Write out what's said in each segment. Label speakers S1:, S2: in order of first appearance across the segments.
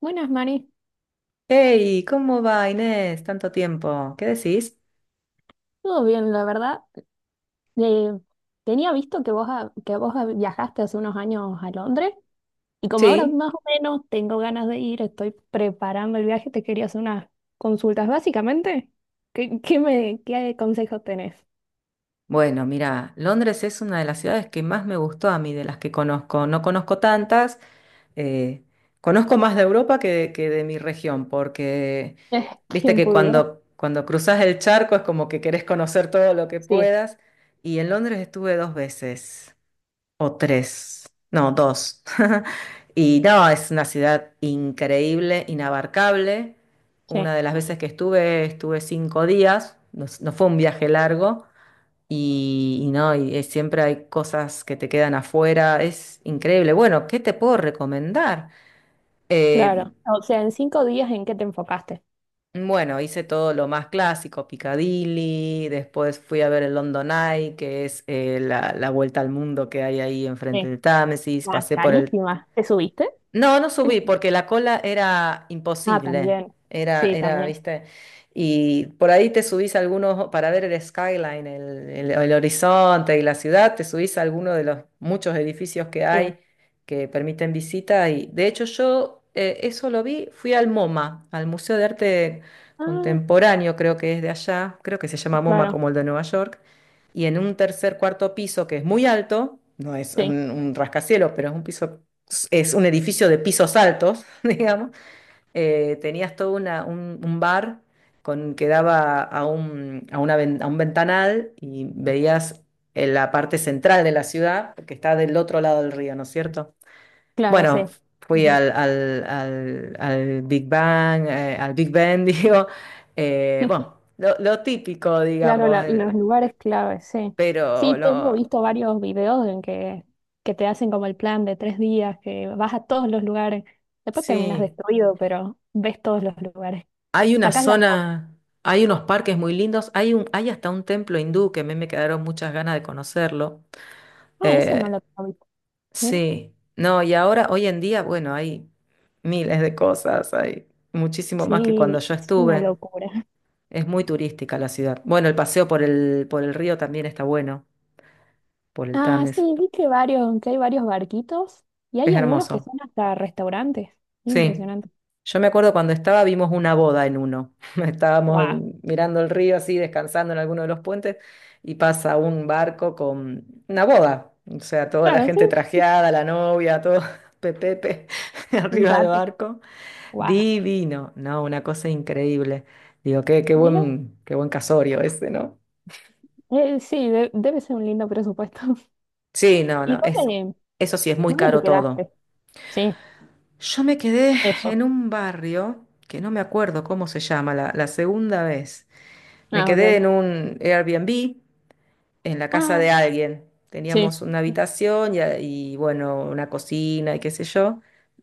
S1: Buenas, Mari.
S2: Hey, ¿cómo va Inés? Tanto tiempo. ¿Qué decís?
S1: Todo bien, la verdad. Eh, Tenía visto que vos viajaste hace unos años a Londres y como ahora
S2: Sí.
S1: más o menos tengo ganas de ir, estoy preparando el viaje, te quería hacer unas consultas. Básicamente, ¿qué consejos tenés?
S2: Bueno, mira, Londres es una de las ciudades que más me gustó a mí, de las que conozco. No conozco tantas, eh, conozco más de Europa que de mi región, porque viste
S1: ¿Quién
S2: que
S1: pudiera?
S2: cuando cruzas el charco es como que querés conocer todo lo que
S1: Sí,
S2: puedas. Y en Londres estuve dos veces, o tres, no, dos. Y no, es una ciudad increíble, inabarcable. Una
S1: sí,
S2: de las veces que estuve 5 días, no, no fue un viaje largo. Y no, siempre hay cosas que te quedan afuera, es increíble. Bueno, ¿qué te puedo recomendar? Eh,
S1: claro. O sea, en 5 días, ¿en qué te enfocaste?
S2: bueno, hice todo lo más clásico: Piccadilly, después fui a ver el London Eye, que es la vuelta al mundo que hay ahí enfrente
S1: Sí.
S2: del Támesis,
S1: Ah,
S2: pasé por el...
S1: carísima. ¿Te subiste?
S2: No, no subí porque la cola era
S1: Ah,
S2: imposible.
S1: también.
S2: Era,
S1: Sí, sí,
S2: era,
S1: también.
S2: viste. Y por ahí te subís a algunos para ver el skyline, el horizonte y la ciudad. Te subís a alguno de los muchos edificios que
S1: Sí.
S2: hay, que permiten visita. Y de hecho, yo eso lo vi. Fui al MoMA, al Museo de Arte
S1: Ah,
S2: Contemporáneo, creo que es de allá. Creo que se llama MoMA
S1: claro.
S2: como el de Nueva York. Y en un tercer, cuarto piso que es muy alto. No es
S1: Sí,
S2: un rascacielos, pero es un piso, es un edificio de pisos altos, digamos, tenías todo un bar, que daba a un, a una ven- a un ventanal y veías en la parte central de la ciudad, que está del otro lado del río, ¿no es cierto?
S1: claro,
S2: Bueno,
S1: sí.
S2: fui
S1: Ujú.
S2: al Big Bang, al Big Ben, digo, bueno, lo típico,
S1: Claro,
S2: digamos,
S1: los lugares clave, sí. Sí,
S2: pero
S1: tengo
S2: lo,
S1: visto varios videos en que te hacen como el plan de 3 días, que vas a todos los lugares. Después terminas
S2: sí.
S1: destruido, pero ves todos los lugares.
S2: Hay una
S1: Sacás la foto.
S2: zona, hay unos parques muy lindos, hay hasta un templo hindú que a mí me quedaron muchas ganas de conocerlo.
S1: Ah, ese no
S2: Eh,
S1: lo tengo visto. Mira.
S2: sí, no, y ahora, hoy en día, bueno, hay miles de cosas, hay muchísimo más que cuando
S1: Sí,
S2: yo
S1: es una
S2: estuve.
S1: locura.
S2: Es muy turística la ciudad. Bueno, el paseo por el río también está bueno, por el
S1: Ah,
S2: Tames.
S1: sí, vi que varios barquitos y hay
S2: Es
S1: algunos que
S2: hermoso.
S1: son hasta restaurantes.
S2: Sí.
S1: Impresionante.
S2: Yo me acuerdo cuando estaba, vimos una boda en uno. Estábamos
S1: Guau.
S2: mirando el río así, descansando en alguno de los puentes, y pasa un barco con una boda. O sea, toda la
S1: Claro, sí.
S2: gente trajeada, la novia, todo pepepe
S1: Un
S2: arriba del
S1: yate.
S2: barco.
S1: Guau.
S2: Divino. No, una cosa increíble. Digo, qué, qué
S1: Mira.
S2: buen, qué buen casorio ese, ¿no?
S1: Sí, debe ser un lindo presupuesto.
S2: Sí, no,
S1: ¿Y
S2: no.
S1: dónde?
S2: Eso sí, es muy
S1: ¿Dónde te
S2: caro todo.
S1: quedaste? Sí,
S2: Yo me quedé en
S1: eso.
S2: un barrio que no me acuerdo cómo se llama, la segunda vez. Me
S1: Ah,
S2: quedé
S1: ok.
S2: en un Airbnb, en la casa
S1: Ah,
S2: de alguien.
S1: sí,
S2: Teníamos una habitación y, bueno, una cocina y qué sé yo.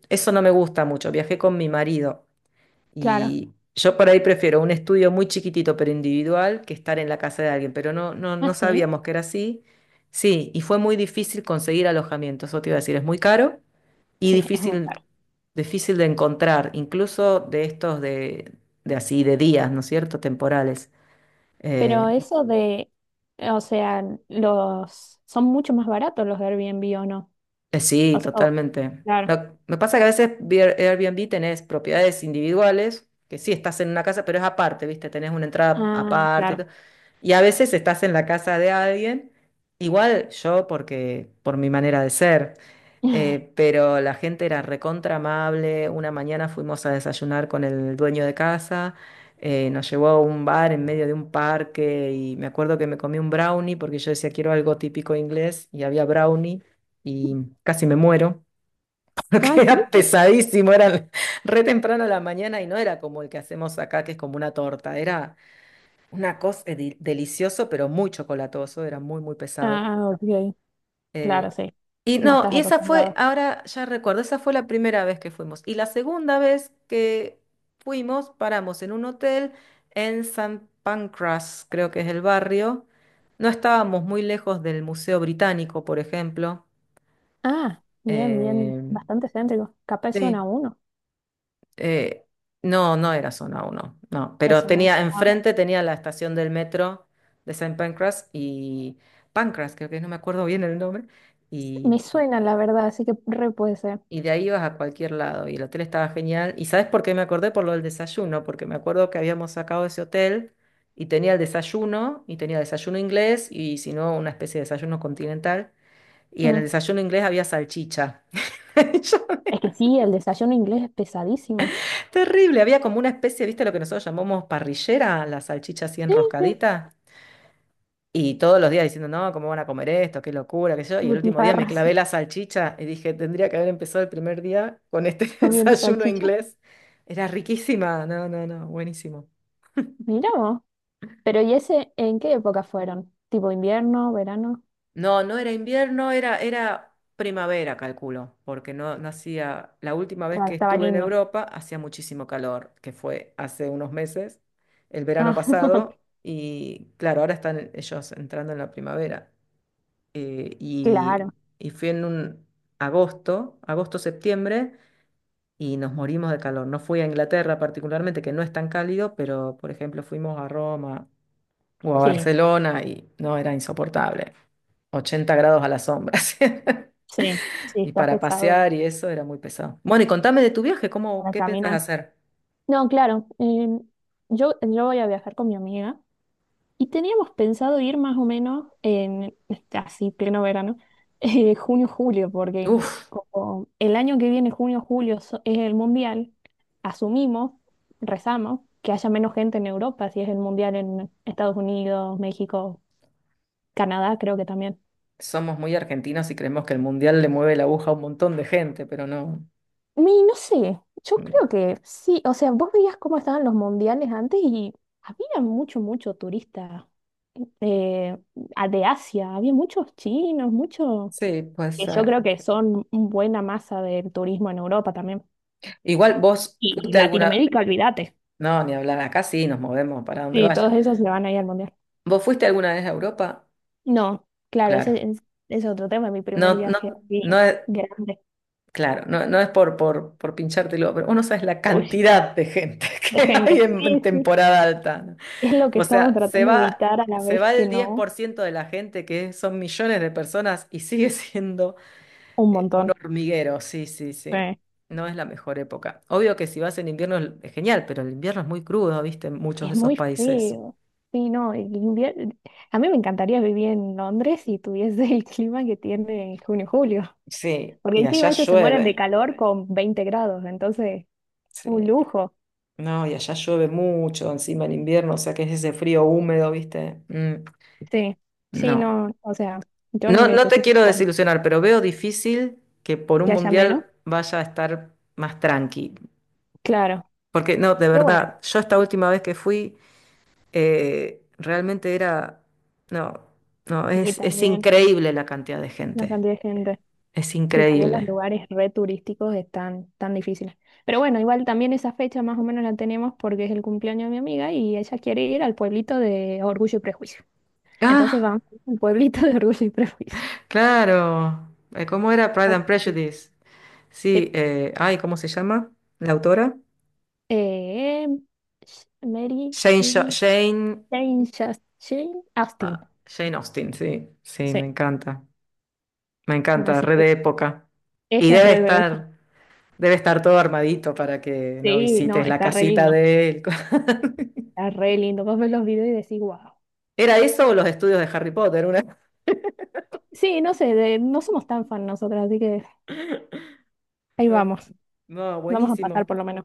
S2: Eso no me gusta mucho. Viajé con mi marido
S1: claro.
S2: y yo por ahí prefiero un estudio muy chiquitito pero individual que estar en la casa de alguien, pero no, no,
S1: Ah,
S2: no
S1: sí.
S2: sabíamos que era así. Sí, y fue muy difícil conseguir alojamiento, eso te iba a decir, es muy caro y
S1: Sí, es muy
S2: difícil,
S1: caro.
S2: difícil de encontrar, incluso de estos de así, de días, ¿no es cierto?, temporales. Eh,
S1: Pero eso de, o sea, los son mucho más baratos los Airbnb o no. O
S2: Sí,
S1: sea, oh,
S2: totalmente.
S1: claro.
S2: Me pasa que a veces Airbnb tenés propiedades individuales, que sí estás en una casa, pero es aparte, ¿viste? Tenés una entrada
S1: Ah,
S2: aparte y
S1: claro.
S2: todo. Y a veces estás en la casa de alguien, igual yo porque por mi manera de ser. Pero la gente era recontra amable. Una mañana fuimos a desayunar con el dueño de casa, nos llevó a un bar en medio de un parque y me acuerdo que me comí un brownie porque yo decía quiero algo típico inglés y había brownie y casi me muero,
S1: Ah,
S2: porque
S1: sí.
S2: era pesadísimo, era re temprano a la mañana y no era como el que hacemos acá, que es como una torta, era una cosa delicioso pero muy chocolatoso, era muy, muy pesado.
S1: Ah, ok. Claro,
S2: Eh,
S1: sí.
S2: y
S1: No
S2: no,
S1: estás
S2: y esa fue,
S1: acostumbrado.
S2: ahora ya recuerdo, esa fue la primera vez que fuimos. Y la segunda vez que fuimos, paramos en un hotel en San Pancras, creo que es el barrio. No estábamos muy lejos del Museo Británico, por ejemplo.
S1: Ah, bien, bien.
S2: Eh,
S1: Bastante céntrico. Capaz zona
S2: sí,
S1: uno.
S2: eh, no, no era zona 1, no. Pero
S1: Eso no.
S2: tenía,
S1: A ver.
S2: enfrente tenía la estación del metro de San Pancras y Pancras, creo que es, no me acuerdo bien el nombre.
S1: Me suena, la verdad, así que re puede ser.
S2: Y de ahí ibas a cualquier lado. Y el hotel estaba genial. ¿Y sabes por qué me acordé? Por lo del desayuno, porque me acuerdo que habíamos sacado ese hotel y tenía el desayuno, y tenía desayuno inglés, y si no, una especie de desayuno continental. Y en el
S1: Mm.
S2: desayuno inglés había salchicha. Yo-
S1: Es que sí, el desayuno inglés es pesadísimo.
S2: Terrible, había como una especie, ¿viste lo que nosotros llamamos parrillera? La salchicha así
S1: Sí, sí,
S2: enroscadita. Y todos los días diciendo, no, ¿cómo van a comer esto? Qué locura, qué sé yo. Y el último día me
S1: butifarras
S2: clavé la salchicha y dije, tendría que haber empezado el primer día con este
S1: comiendo
S2: desayuno
S1: salchicha.
S2: inglés. Era riquísima, no, no, no, buenísimo.
S1: Mira vos. Pero ¿y ese en qué época fueron? ¿Tipo invierno, verano?
S2: No, no era invierno, era primavera, calculo, porque no, no hacía, la última vez
S1: Claro,
S2: que
S1: estaba
S2: estuve en
S1: lindo.
S2: Europa hacía muchísimo calor, que fue hace unos meses, el verano
S1: Ah, ok.
S2: pasado, y claro, ahora están ellos entrando en la primavera. eh, y,
S1: Claro.
S2: y fui en un agosto, agosto-septiembre, y nos morimos de calor. No fui a Inglaterra particularmente, que no es tan cálido, pero por ejemplo fuimos a Roma o a
S1: Sí,
S2: Barcelona y no era insoportable. 80 grados a la sombra. así.
S1: sí, sí,
S2: Y
S1: está
S2: para
S1: pesado
S2: pasear y eso era muy pesado. Bueno, y contame de tu viaje, ¿cómo,
S1: para
S2: qué pensás
S1: caminar.
S2: hacer?
S1: No, claro. Yo voy a viajar con mi amiga. Y teníamos pensado ir más o menos en, este, así, pleno verano, junio-julio, porque
S2: Uf,
S1: como el año que viene, junio-julio, es el mundial, asumimos, rezamos, que haya menos gente en Europa, si es el mundial en Estados Unidos, México, Canadá, creo que también.
S2: somos muy argentinos y creemos que el mundial le mueve la aguja a un montón de gente, pero no.
S1: No sé, yo
S2: Mm.
S1: creo que sí, o sea, vos veías cómo estaban los mundiales antes y había mucho, mucho turista eh, de Asia, había muchos chinos, muchos
S2: Sí,
S1: que
S2: pues.
S1: yo creo que son buena masa del turismo en Europa también.
S2: Igual vos
S1: Y
S2: fuiste alguna.
S1: Latinoamérica, olvídate.
S2: No, ni hablar acá, sí, nos movemos para donde
S1: Sí, todos
S2: vaya.
S1: esos se van a ir al mundial.
S2: ¿Vos fuiste alguna vez a Europa?
S1: No, claro, ese
S2: Claro.
S1: es otro tema, mi primer
S2: No, no,
S1: viaje así
S2: no es,
S1: grande,
S2: claro, no, no es por pinchártelo, pero uno sabe la
S1: uy,
S2: cantidad de gente
S1: de
S2: que hay
S1: gente.
S2: en
S1: Sí, sí,
S2: temporada alta, ¿no?
S1: es lo que
S2: O
S1: estamos
S2: sea, se
S1: tratando de
S2: va,
S1: evitar a la
S2: se
S1: vez
S2: va
S1: que
S2: el diez
S1: no,
S2: por ciento de la gente, que son millones de personas, y sigue siendo
S1: un
S2: un
S1: montón.
S2: hormiguero, sí, sí, sí.
S1: Sí.
S2: No es la mejor época. Obvio que si vas en invierno es genial, pero el invierno es muy crudo, ¿viste? En muchos de
S1: Es
S2: esos
S1: muy
S2: países.
S1: frío. Sí, no, el invierno... A mí me encantaría vivir en Londres si tuviese el clima que tiene en junio, julio.
S2: Sí,
S1: Porque
S2: y
S1: encima
S2: allá
S1: ellos se mueren de
S2: llueve.
S1: calor con 20 grados, entonces un
S2: Sí.
S1: lujo,
S2: No, y allá llueve mucho, encima en invierno, o sea que es ese frío húmedo, ¿viste? Mm,
S1: sí. Sí,
S2: no.
S1: no, o sea, yo
S2: No, no te
S1: necesito
S2: quiero
S1: sol,
S2: desilusionar, pero veo difícil que por un
S1: que haya menos,
S2: mundial vaya a estar más tranqui.
S1: claro.
S2: Porque no, de
S1: Pero bueno,
S2: verdad, yo esta última vez que fui, realmente era. No, no,
S1: y
S2: es
S1: también
S2: increíble la cantidad de
S1: la
S2: gente.
S1: cantidad de gente.
S2: Es
S1: Y también los
S2: increíble.
S1: lugares re turísticos están tan difíciles. Pero bueno, igual también esa fecha más o menos la tenemos porque es el cumpleaños de mi amiga y ella quiere ir al pueblito de Orgullo y Prejuicio. Entonces
S2: Ah,
S1: vamos al pueblito de Orgullo y Prejuicio.
S2: claro. ¿Cómo era Pride and
S1: Así que,
S2: Prejudice?
S1: sí.
S2: Sí, ay, ¿cómo se llama? ¿La autora?
S1: Eh, Mary,
S2: Jane, Sha-
S1: Jamie,
S2: Jane,
S1: Jane, Jane Austen.
S2: ah, Jane Austen, sí, sí,
S1: Sí.
S2: me encanta,
S1: Así
S2: re
S1: que
S2: de época. Y
S1: ella es re
S2: debe estar todo armadito para que no
S1: Sí, no,
S2: visites la
S1: está re
S2: casita
S1: lindo,
S2: de él.
S1: está re lindo. Vos ves los videos y decís, wow.
S2: ¿Era eso o los estudios de Harry Potter? Una...
S1: Sí, no sé, no somos tan fan nosotras, así que ahí
S2: No,
S1: vamos.
S2: no,
S1: Vamos a pasar
S2: buenísimo.
S1: por lo menos.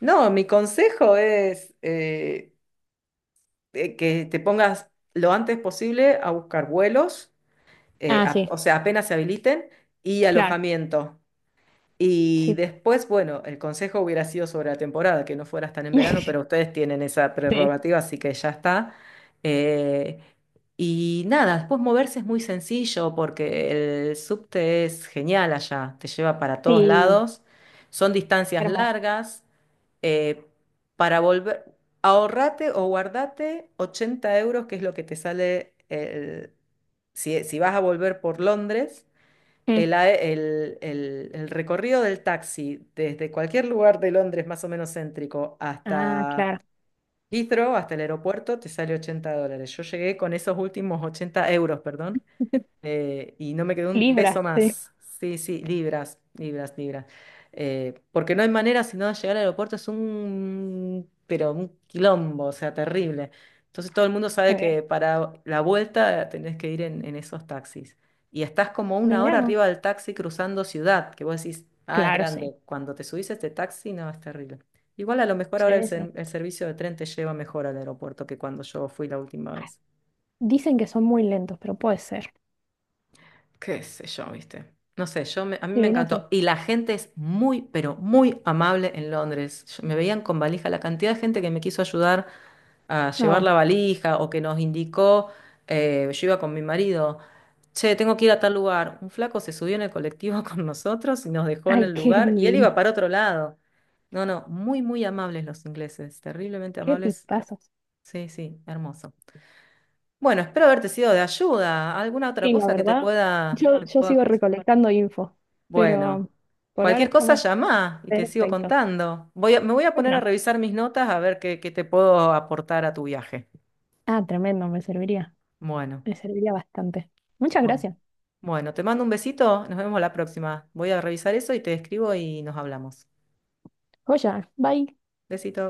S2: No, mi consejo es que te pongas lo antes posible a buscar vuelos,
S1: Ah, sí,
S2: o sea, apenas se habiliten, y
S1: claro,
S2: alojamiento. Y
S1: sí.
S2: después, bueno, el consejo hubiera sido sobre la temporada, que no fueras tan en verano, pero ustedes tienen esa
S1: Sí,
S2: prerrogativa, así que ya está. Eh, y nada, después moverse es muy sencillo porque el subte es genial allá, te lleva para todos
S1: sí,
S2: lados, son
S1: qué
S2: distancias
S1: hermoso.
S2: largas. eh, para volver, ahorrate o guardate 80 euros, que es lo que te sale si vas a volver por Londres, el,
S1: Mm.
S2: a- el- el recorrido del taxi desde cualquier lugar de Londres más o menos céntrico
S1: Ah,
S2: hasta
S1: claro.
S2: Heathrow, hasta el aeropuerto, te sale $80. Yo llegué con esos últimos 80 euros, perdón, y no me quedó un
S1: Libra,
S2: peso
S1: sí.
S2: más. Sí, sí, libras, libras, libras. Porque no hay manera sino de llegar al aeropuerto, es un, pero un quilombo, o sea, terrible. Entonces todo el mundo sabe
S1: Eh,
S2: que para la vuelta tenés que ir en esos taxis. Y estás como una
S1: Mira
S2: hora
S1: vos.
S2: arriba del taxi cruzando ciudad, que vos decís, ah, es
S1: Claro, sí.
S2: grande. Cuando te subís a este taxi, no, es terrible. Igual a lo mejor ahora el,
S1: Sí, sí.
S2: ser- el servicio de tren te lleva mejor al aeropuerto que cuando yo fui la última vez.
S1: Dicen que son muy lentos, pero puede ser.
S2: Qué sé yo, ¿viste? No sé, a mí me
S1: Sí, no sé.
S2: encantó. Y la gente es muy, pero muy amable en Londres. Me veían con valija, la cantidad de gente que me quiso ayudar a llevar
S1: No.
S2: la valija o que nos indicó, yo iba con mi marido, che, tengo que ir a tal lugar. Un flaco se subió en el colectivo con nosotros y nos dejó en
S1: Ay,
S2: el
S1: qué
S2: lugar y él iba
S1: divino.
S2: para otro lado. No, no, muy, muy amables los ingleses, terriblemente
S1: Qué
S2: amables.
S1: tipazos.
S2: Sí, sí, hermoso. Bueno, espero haberte sido de ayuda. ¿Alguna otra
S1: Sí, la
S2: cosa que te
S1: verdad.
S2: pueda,
S1: Yo,
S2: te
S1: yo
S2: pueda...
S1: sigo recolectando info,
S2: Bueno,
S1: pero por ahora
S2: cualquier cosa
S1: estamos
S2: llama y te sigo
S1: perfecto.
S2: contando. Me voy a
S1: Pues
S2: poner a
S1: no.
S2: revisar mis notas a ver qué te puedo aportar a tu viaje.
S1: Ah, tremendo, me serviría.
S2: Bueno,
S1: Me serviría bastante. Muchas
S2: bueno,
S1: gracias.
S2: bueno, te mando un besito, nos vemos la próxima. Voy a revisar eso y te escribo y nos hablamos.
S1: Joya, bye.
S2: Besito.